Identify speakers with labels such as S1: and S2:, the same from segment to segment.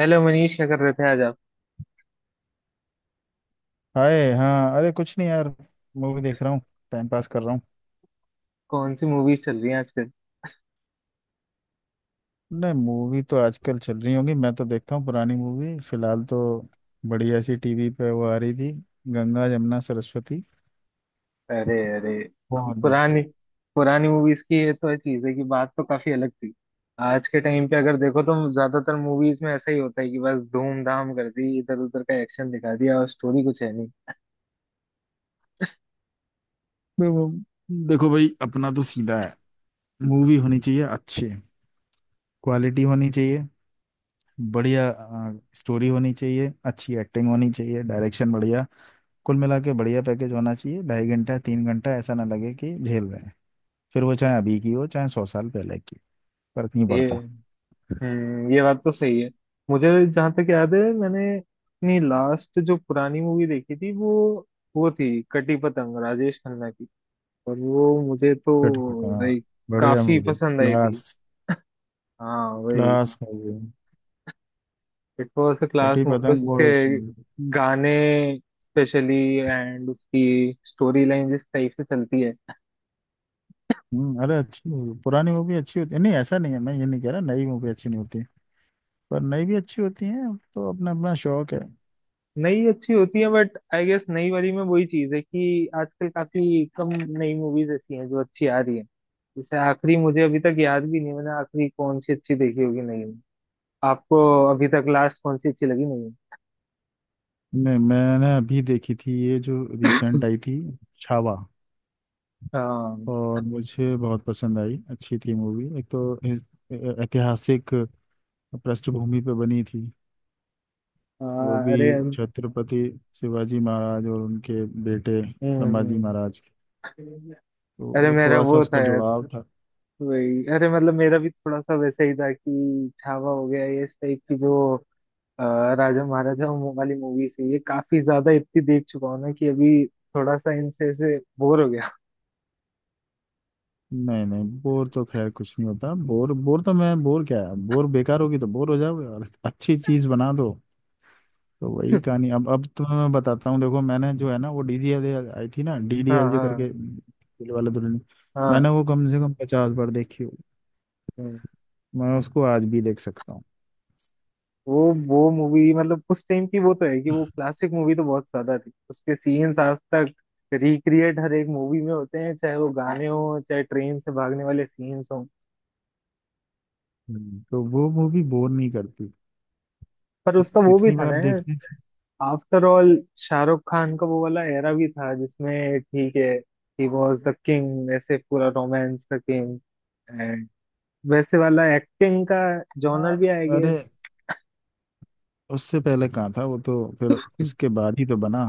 S1: Hello Manish, क्या कर रहे थे आज आप?
S2: हाय। हाँ अरे कुछ नहीं यार, मूवी देख रहा हूँ। टाइम पास कर रहा हूँ।
S1: कौन सी मूवीज चल रही हैं आजकल?
S2: नहीं, मूवी तो आजकल चल रही होंगी, मैं तो देखता हूँ पुरानी मूवी फिलहाल तो। बढ़िया सी टीवी पे वो आ रही थी, गंगा जमुना सरस्वती,
S1: अरे अरे।
S2: वो
S1: हम
S2: देख रहा
S1: पुरानी
S2: हूँ।
S1: पुरानी मूवीज की ये तो चीज है कि बात तो काफी अलग थी। आज के टाइम पे अगर देखो तो ज्यादातर मूवीज में ऐसा ही होता है कि बस धूमधाम कर दी, इधर उधर का एक्शन दिखा दिया, और स्टोरी कुछ है नहीं।
S2: देखो, देखो भाई, अपना तो सीधा है। मूवी होनी चाहिए अच्छी, क्वालिटी होनी चाहिए बढ़िया, स्टोरी होनी चाहिए अच्छी, एक्टिंग होनी चाहिए, डायरेक्शन बढ़िया, कुल मिला के बढ़िया पैकेज होना चाहिए। 2.5 घंटा 3 घंटा ऐसा ना लगे कि झेल रहे हैं। फिर वो चाहे अभी की हो चाहे 100 साल पहले की, फर्क नहीं
S1: ये
S2: पड़ता।
S1: ये बात तो सही है। मुझे जहां तक याद है, मैंने अपनी लास्ट जो पुरानी मूवी देखी थी वो थी कटी पतंग, राजेश खन्ना की। और वो मुझे तो
S2: कट। हाँ,
S1: लाइक
S2: बढ़िया
S1: काफी
S2: मूवी,
S1: पसंद आई थी।
S2: क्लास।
S1: हाँ, वही।
S2: Class movie.
S1: It was a class
S2: Kati
S1: movie,
S2: Patang
S1: उसके
S2: बहुत अच्छी movie।
S1: गाने स्पेशली, एंड उसकी स्टोरी लाइन जिस टाइप से चलती है।
S2: अरे अच्छी मूवी, पुरानी मूवी अच्छी होती है, नहीं ऐसा नहीं है, मैं ये नहीं कह रहा नई मूवी अच्छी नहीं होती, पर नई भी अच्छी होती है। तो अपना अपना शौक है।
S1: नई अच्छी होती है, बट आई गेस नई वाली में वही चीज है कि आजकल काफी कम नई मूवीज ऐसी हैं जो अच्छी आ रही है। जैसे आखिरी मुझे अभी तक याद भी नहीं मैंने आखिरी कौन सी अच्छी देखी होगी नई में। आपको अभी तक लास्ट कौन सी अच्छी लगी नहीं?
S2: नहीं, मैंने अभी देखी थी ये जो रिसेंट आई थी, छावा।
S1: हाँ
S2: और मुझे बहुत पसंद आई, अच्छी थी मूवी। एक तो ऐतिहासिक पृष्ठभूमि पे बनी थी। वो
S1: हाँ,
S2: भी,
S1: अरे
S2: छत्रपति शिवाजी महाराज और उनके बेटे संभाजी
S1: हम्म।
S2: महाराज, तो
S1: अरे
S2: वो
S1: मेरा
S2: थोड़ा सा
S1: वो था।
S2: उसका जुड़ाव था।
S1: वही, अरे मतलब मेरा भी थोड़ा सा वैसा ही था कि छावा हो गया, ये इस टाइप की जो अ, राजा महाराजा वो वाली मूवीज है ये काफी ज्यादा इतनी देख चुका हूं ना कि अभी थोड़ा सा इनसे ऐसे बोर हो गया।
S2: नहीं नहीं, बोर तो खैर कुछ नहीं होता। बोर बोर तो मैं, बोर क्या है, बोर बेकार होगी तो बोर हो जाओगे, और अच्छी चीज बना दो तो वही कहानी। अब तुम्हें मैं बताता हूँ। देखो, मैंने जो है ना वो डीजीएल आई थी ना,
S1: हाँ
S2: डीडीएलजे करके,
S1: हाँ
S2: दिल वाले दुल्हनिया।
S1: हाँ
S2: मैंने वो कम से कम 50 बार देखी होगी।
S1: हम्म।
S2: मैं उसको आज भी देख सकता हूँ।
S1: वो मूवी, मतलब उस टाइम की, वो तो है कि वो क्लासिक मूवी तो बहुत ज्यादा थी। उसके सीन्स आज तक रिक्रिएट हर एक मूवी में होते हैं, चाहे वो गाने हो चाहे ट्रेन से भागने वाले सीन्स हो।
S2: हम्म। तो वो मूवी बोर नहीं करती।
S1: पर
S2: तो
S1: उसका वो भी
S2: कितनी
S1: था
S2: बार
S1: ना,
S2: देखने।
S1: आफ्टर ऑल शाहरुख खान का वो वाला एरा भी था जिसमें, ठीक है, ही वॉज द किंग, ऐसे पूरा रोमांस का किंग, एंड वैसे वाला एक्टिंग का जॉनर
S2: हाँ
S1: भी आई
S2: अरे,
S1: गेस।
S2: उससे पहले कहाँ था वो, तो फिर उसके बाद ही तो बना।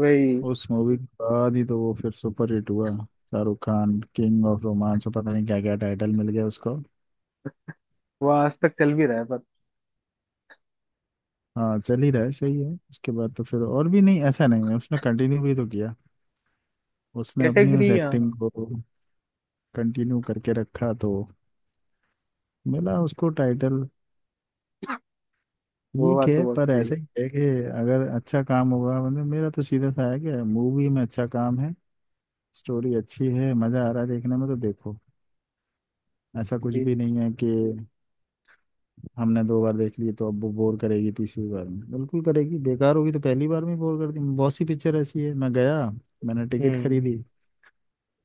S1: वही।
S2: उस मूवी के बाद ही तो वो फिर सुपर हिट हुआ, Shahrukh Khan, king of romance, और पता नहीं क्या क्या टाइटल मिल गया उसको।
S1: वो आज तक चल भी रहा है पर।
S2: हाँ चल ही रहा है, सही है। उसके बाद तो फिर और भी, नहीं ऐसा नहीं है, उसने कंटिन्यू भी तो किया। उसने अपनी उस
S1: कैटेगरी,
S2: एक्टिंग
S1: हाँ।
S2: को कंटिन्यू करके रखा, तो मिला उसको टाइटल।
S1: वो
S2: ठीक
S1: बात तो
S2: है,
S1: बहुत
S2: पर
S1: सही
S2: ऐसे
S1: है।
S2: ही है कि अगर अच्छा काम होगा। मतलब मेरा तो सीधा सा है कि मूवी में अच्छा काम है, स्टोरी अच्छी है, मजा आ रहा है देखने में, तो देखो, ऐसा कुछ
S1: ठीक।
S2: भी नहीं है कि हमने दो बार देख ली तो अब वो बोर करेगी तीसरी बार में। बिल्कुल करेगी, बेकार होगी तो पहली बार में बोर कर दी। बहुत सी पिक्चर ऐसी है, मैं गया, मैंने टिकट
S1: हम्म।
S2: खरीदी,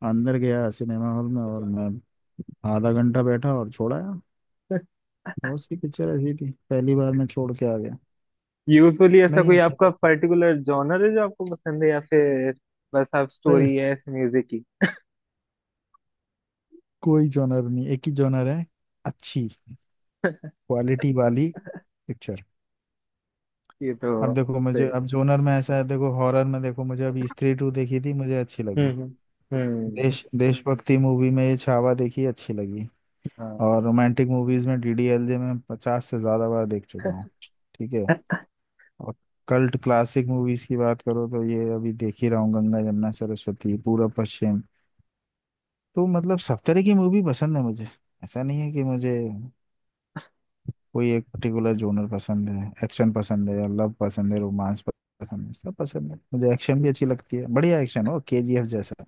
S2: अंदर गया सिनेमा हॉल में, और मैं आधा घंटा बैठा और छोड़ाया। बहुत सी पिक्चर ऐसी थी पहली बार में छोड़ के आ गया।
S1: यूजुअली ऐसा
S2: नहीं,
S1: कोई
S2: अच्छी
S1: आपका
S2: लगी।
S1: पर्टिकुलर जॉनर है जो आपको पसंद है या फिर बस आप
S2: नहीं,
S1: स्टोरी है म्यूजिक की?
S2: कोई जॉनर नहीं, एक ही जॉनर है, अच्छी क्वालिटी वाली पिक्चर।
S1: ये तो
S2: अब देखो, मुझे
S1: सही।
S2: अब जोनर में ऐसा है, देखो हॉरर में, देखो मुझे अभी स्त्री टू देखी थी, मुझे अच्छी लगी।
S1: हम्म हम्म हम्म,
S2: देश, देशभक्ति मूवी में ये छावा देखी, अच्छी लगी।
S1: हाँ।
S2: और रोमांटिक मूवीज में डीडीएलजे में 50 से ज्यादा बार देख चुका हूँ। ठीक है। और कल्ट क्लासिक मूवीज की बात करो तो ये अभी देख ही रहा हूँ, गंगा यमुना सरस्वती, पूरब पश्चिम। तो मतलब सब तरह की मूवी पसंद है मुझे, ऐसा नहीं है कि मुझे कोई एक पर्टिकुलर जोनर पसंद है। एक्शन पसंद है, लव पसंद है, रोमांस पसंद है, सब पसंद है मुझे। एक्शन भी अच्छी लगती है, बढ़िया एक्शन हो केजीएफ जैसा।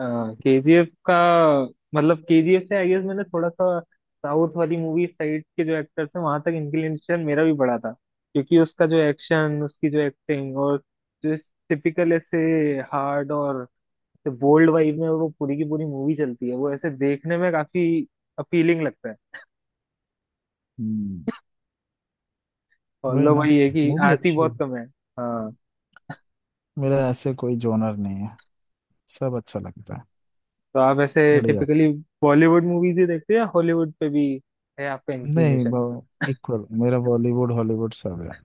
S1: केजीएफ का मतलब केजीएफ से आई गेस मैंने थोड़ा सा साउथ वाली मूवी साइड के जो एक्टर्स हैं वहां तक इंक्लिनेशन मेरा भी बड़ा था, क्योंकि उसका जो एक्शन, उसकी जो एक्टिंग और जो टिपिकल ऐसे हार्ड और बोल्ड वाइब में वो पूरी की पूरी मूवी चलती है, वो ऐसे देखने में काफी अपीलिंग लगता है।
S2: हम्म।
S1: और
S2: वही
S1: लो
S2: ना,
S1: वही है कि
S2: मूवी
S1: आती
S2: अच्छी हो।
S1: बहुत कम है। हाँ।
S2: मेरा ऐसे कोई जोनर नहीं है, सब अच्छा लगता है
S1: तो आप ऐसे
S2: बढ़िया।
S1: टिपिकली बॉलीवुड मूवीज ही देखते हैं या हॉलीवुड पे भी है आपका इंक्लिनेशन?
S2: नहीं, इक्वल, मेरा बॉलीवुड हॉलीवुड सब है।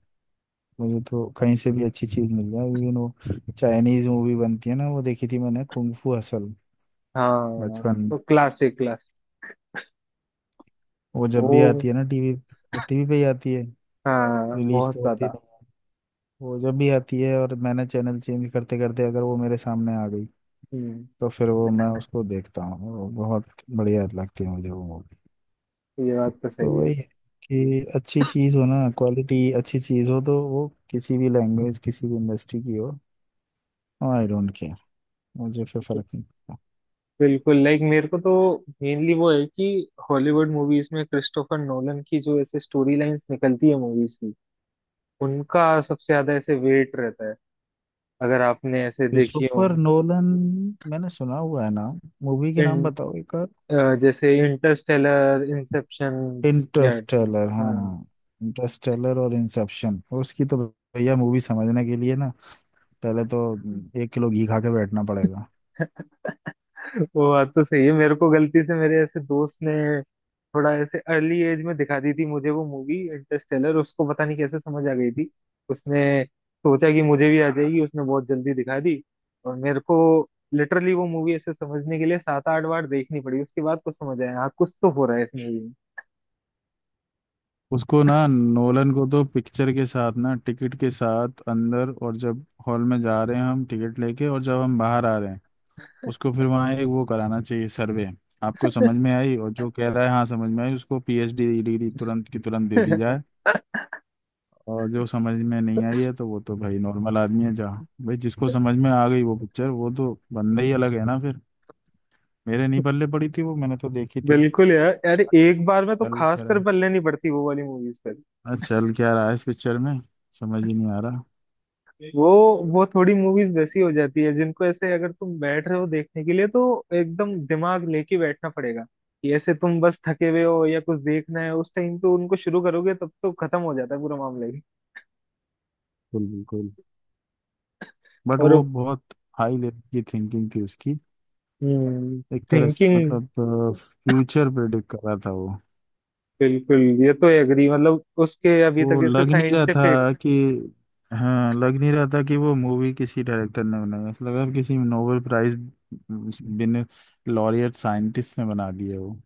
S2: मुझे तो कहीं से भी अच्छी चीज मिल जाए। इवन वो चाइनीज मूवी बनती है ना, वो देखी थी मैंने, कुंग फू हसल,
S1: हाँ
S2: बचपन में।
S1: तो क्लासिक क्लास।
S2: वो जब
S1: वो
S2: भी आती है ना टीवी, वो टीवी पे ही आती है,
S1: हाँ,
S2: रिलीज
S1: बहुत
S2: तो होती
S1: ज्यादा।
S2: नहीं है। वो जब भी आती है और मैंने चैनल चेंज करते करते अगर वो मेरे सामने आ गई
S1: हम्म
S2: तो फिर वो मैं उसको देखता हूँ, वो बहुत बढ़िया लगती है मुझे वो मूवी।
S1: ये बात तो
S2: तो
S1: सही है।
S2: वही है कि अच्छी चीज हो ना, क्वालिटी अच्छी चीज हो, तो वो किसी भी लैंग्वेज किसी भी इंडस्ट्री की हो, आई डोंट केयर, मुझे फिर फर्क नहीं पड़ता।
S1: बिल्कुल, लाइक मेरे को तो मेनली वो है कि हॉलीवुड मूवीज में क्रिस्टोफर नोलन की जो ऐसे स्टोरी लाइंस निकलती है मूवीज की, उनका सबसे ज्यादा ऐसे वेट रहता है, अगर आपने ऐसे देखी हो।
S2: क्रिस्टोफर नोलन, मैंने सुना हुआ है नाम। मूवी के
S1: इन
S2: नाम बताओ एक और।
S1: जैसे इंटरस्टेलर, इंसेप्शन या।
S2: इंटरस्टेलर,
S1: हाँ।
S2: हाँ। इंटरस्टेलर और इंसेप्शन, उसकी तो भैया मूवी समझने के लिए ना, पहले तो एक किलो घी खा के बैठना पड़ेगा।
S1: वो बात तो सही है, मेरे को गलती से मेरे ऐसे दोस्त ने थोड़ा ऐसे अर्ली एज में दिखा दी थी मुझे वो मूवी इंटरस्टेलर, उसको पता नहीं कैसे समझ आ गई थी। उसने सोचा कि मुझे भी आ जाएगी, उसने बहुत जल्दी दिखा दी। और मेरे को लिटरली वो मूवी ऐसे समझने के लिए 7-8 बार देखनी पड़ी, उसके बाद कुछ समझ आया, हाँ कुछ तो हो रहा है इस मूवी
S2: उसको ना, नोलन को तो पिक्चर के साथ ना, टिकट के साथ अंदर, और जब हॉल में जा रहे हैं हम टिकट लेके, और जब हम बाहर आ रहे हैं उसको, फिर वहाँ एक वो कराना चाहिए, सर्वे। आपको समझ में आई? और जो कह रहा है हाँ समझ में आई, उसको पीएचडी डिग्री तुरंत की तुरंत दे दी
S1: में।
S2: जाए। और जो समझ में नहीं आई है तो वो तो भाई नॉर्मल आदमी है। जहाँ भाई जिसको समझ में आ गई वो पिक्चर, वो तो बंदा ही अलग है ना फिर। मेरे नहीं पल्ले पड़ी थी वो, मैंने तो देखी थी।
S1: बिल्कुल यार, अरे एक बार में तो
S2: चल
S1: खास
S2: कह रहा
S1: कर पल्ले नहीं पड़ती वो वाली मूवीज पे।
S2: है, चल क्या रहा है इस पिक्चर में, समझ ही नहीं आ रहा।
S1: वो वो थोड़ी मूवीज वैसी हो जाती है जिनको ऐसे अगर तुम बैठ रहे हो देखने के लिए तो एकदम दिमाग लेके बैठना पड़ेगा। कि ऐसे तुम बस थके हुए हो या कुछ देखना है उस टाइम पे उनको शुरू करोगे तब तो खत्म हो जाता है पूरा मामला ही।
S2: बिल्कुल बिल्कुल, बट वो
S1: और,
S2: बहुत हाई लेवल की थिंकिंग थी उसकी।
S1: हम्म,
S2: एक तरह से
S1: थिंकिंग।
S2: मतलब फ्यूचर प्रेडिक्ट कर रहा था वो।
S1: बिल्कुल, ये तो एग्री, मतलब उसके अभी तक
S2: वो
S1: ऐसे
S2: लग नहीं रहा
S1: साइंटिफिक।
S2: था कि हाँ लग नहीं रहा था कि वो मूवी किसी डायरेक्टर ने बनाई है। ऐसा लग रहा था किसी नोबेल प्राइज बिन लॉरियट साइंटिस्ट ने बना दिया वो।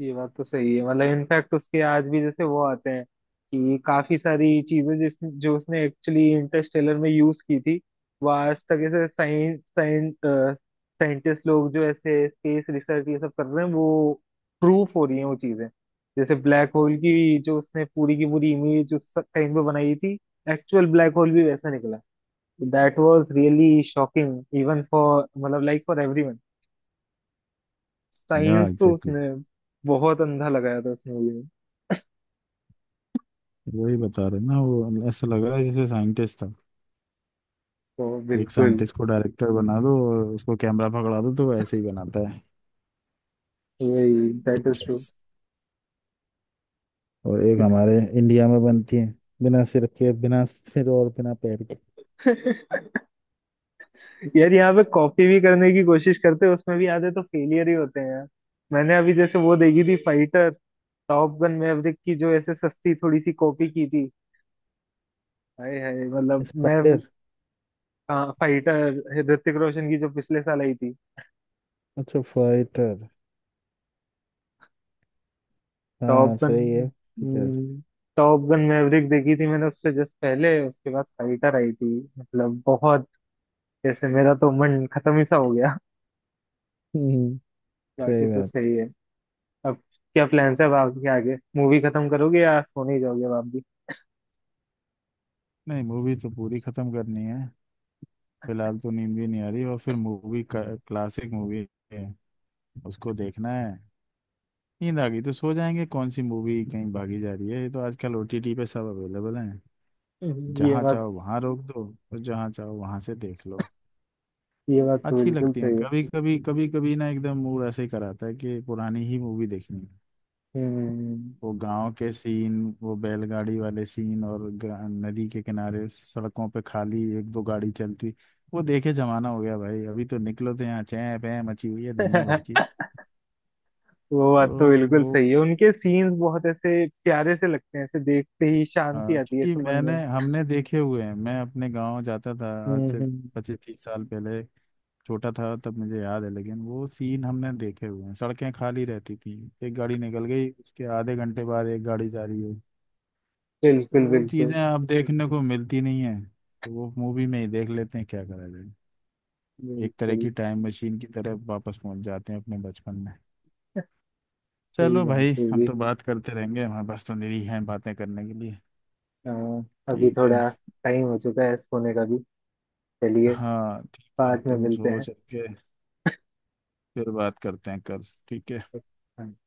S1: ये बात तो सही है, मतलब इनफैक्ट उसके आज भी जैसे वो आते हैं कि काफी सारी चीजें जिस जो उसने एक्चुअली इंटरस्टेलर में यूज की थी वो आज तक ऐसे साइंस साइंटिस्ट लोग जो ऐसे स्पेस रिसर्च ये सब कर रहे हैं वो प्रूफ हो रही है वो चीजें। जैसे ब्लैक होल की जो उसने पूरी की पूरी इमेज उस टाइम पे बनाई थी, एक्चुअल ब्लैक होल भी वैसा निकला। That was really shocking even for, मतलब लाइक फॉर एवरीवन।
S2: या
S1: साइंस तो
S2: एग्जैक्टली,
S1: उसने बहुत अंधा लगाया था उस मूवी।
S2: exactly। वही बता रहे ना वो, ऐसा लग रहा है जैसे साइंटिस्ट था।
S1: तो
S2: एक
S1: बिल्कुल।
S2: साइंटिस्ट को डायरेक्टर बना दो और उसको कैमरा पकड़ा दो तो वो ऐसे ही बनाता है
S1: वही, दैट इज
S2: पिक्चर्स।
S1: ट्रू।
S2: और एक
S1: इस
S2: हमारे इंडिया में बनती है बिना सिर के, बिना सिर और बिना पैर के।
S1: यार यहाँ पे कॉपी भी करने की कोशिश करते हैं उसमें भी आधे तो फेलियर ही होते हैं यार। मैंने अभी जैसे वो देखी थी फाइटर, टॉप गन मैवरिक की जो ऐसे सस्ती थोड़ी सी कॉपी की थी। हाय हाय, मतलब मैं।
S2: स्पाइडर।
S1: फाइटर ऋतिक रोशन की जो पिछले साल आई थी।
S2: अच्छा, फाइटर, हाँ
S1: टॉप
S2: सही है,
S1: Gun
S2: Fighter.
S1: Top Gun Maverick देखी थी मैंने उससे जस्ट पहले, उसके बाद फाइटर आई थी, मतलब बहुत, जैसे मेरा तो मन खत्म ही सा हो गया।
S2: हम्म
S1: बाकी
S2: सही
S1: तो
S2: बात।
S1: सही है। अब क्या प्लान्स है अब आपके आगे, मूवी खत्म करोगे या सोने ही जाओगे अब आप भी?
S2: नहीं, मूवी तो पूरी खत्म करनी है। फिलहाल तो नींद भी नहीं आ रही, और फिर मूवी क्लासिक मूवी है, उसको देखना है। नींद आ गई तो सो जाएंगे। कौन सी मूवी कहीं भागी जा रही है, ये तो आजकल ओटीटी पे सब अवेलेबल है।
S1: हम्म, ये
S2: जहाँ
S1: बात
S2: चाहो वहाँ रोक दो, और जहाँ चाहो वहाँ से देख लो।
S1: ये बात तो
S2: अच्छी
S1: बिल्कुल
S2: लगती हैं
S1: सही है।
S2: कभी कभी ना एकदम मूड ऐसे ही कराता है कि पुरानी ही मूवी देखनी है।
S1: हम्म।
S2: वो गांव के सीन, वो बैलगाड़ी वाले सीन और नदी के किनारे सड़कों पे खाली एक दो गाड़ी चलती। वो देखे जमाना हो गया भाई, अभी तो निकलो तो यहाँ चै पै मची हुई है दुनिया भर की।
S1: वो
S2: तो
S1: बात तो बिल्कुल
S2: वो,
S1: सही है, उनके सीन्स बहुत ऐसे प्यारे से लगते हैं, ऐसे देखते ही शांति आती है
S2: क्योंकि
S1: ऐसे मन
S2: मैंने
S1: में।
S2: हमने देखे हुए हैं, मैं अपने गांव जाता था आज
S1: हम्म
S2: से
S1: हम्म,
S2: 25-30 साल पहले, छोटा था तब, मुझे याद है, लेकिन वो सीन हमने देखे हुए हैं, सड़कें खाली रहती थी, एक गाड़ी निकल गई उसके आधे घंटे बाद एक गाड़ी जा रही है। तो
S1: बिल्कुल
S2: वो चीज़ें
S1: बिल्कुल
S2: अब देखने को मिलती नहीं है, तो वो मूवी में ही देख लेते हैं, क्या करा जाए। एक तरह
S1: बिल्कुल।
S2: की टाइम मशीन की तरह वापस पहुंच जाते हैं अपने बचपन में।
S1: सही
S2: चलो भाई,
S1: बात है
S2: हम
S1: जी।
S2: तो बात करते रहेंगे, हमारे पास तो निरी हैं बातें करने के लिए।
S1: अ, अभी
S2: ठीक है।
S1: थोड़ा टाइम हो चुका है सोने का भी। चलिए,
S2: हाँ ठीक है,
S1: बाद में
S2: तुम
S1: मिलते हैं।
S2: सोच के, फिर बात करते हैं कल। ठीक है।
S1: हाँ।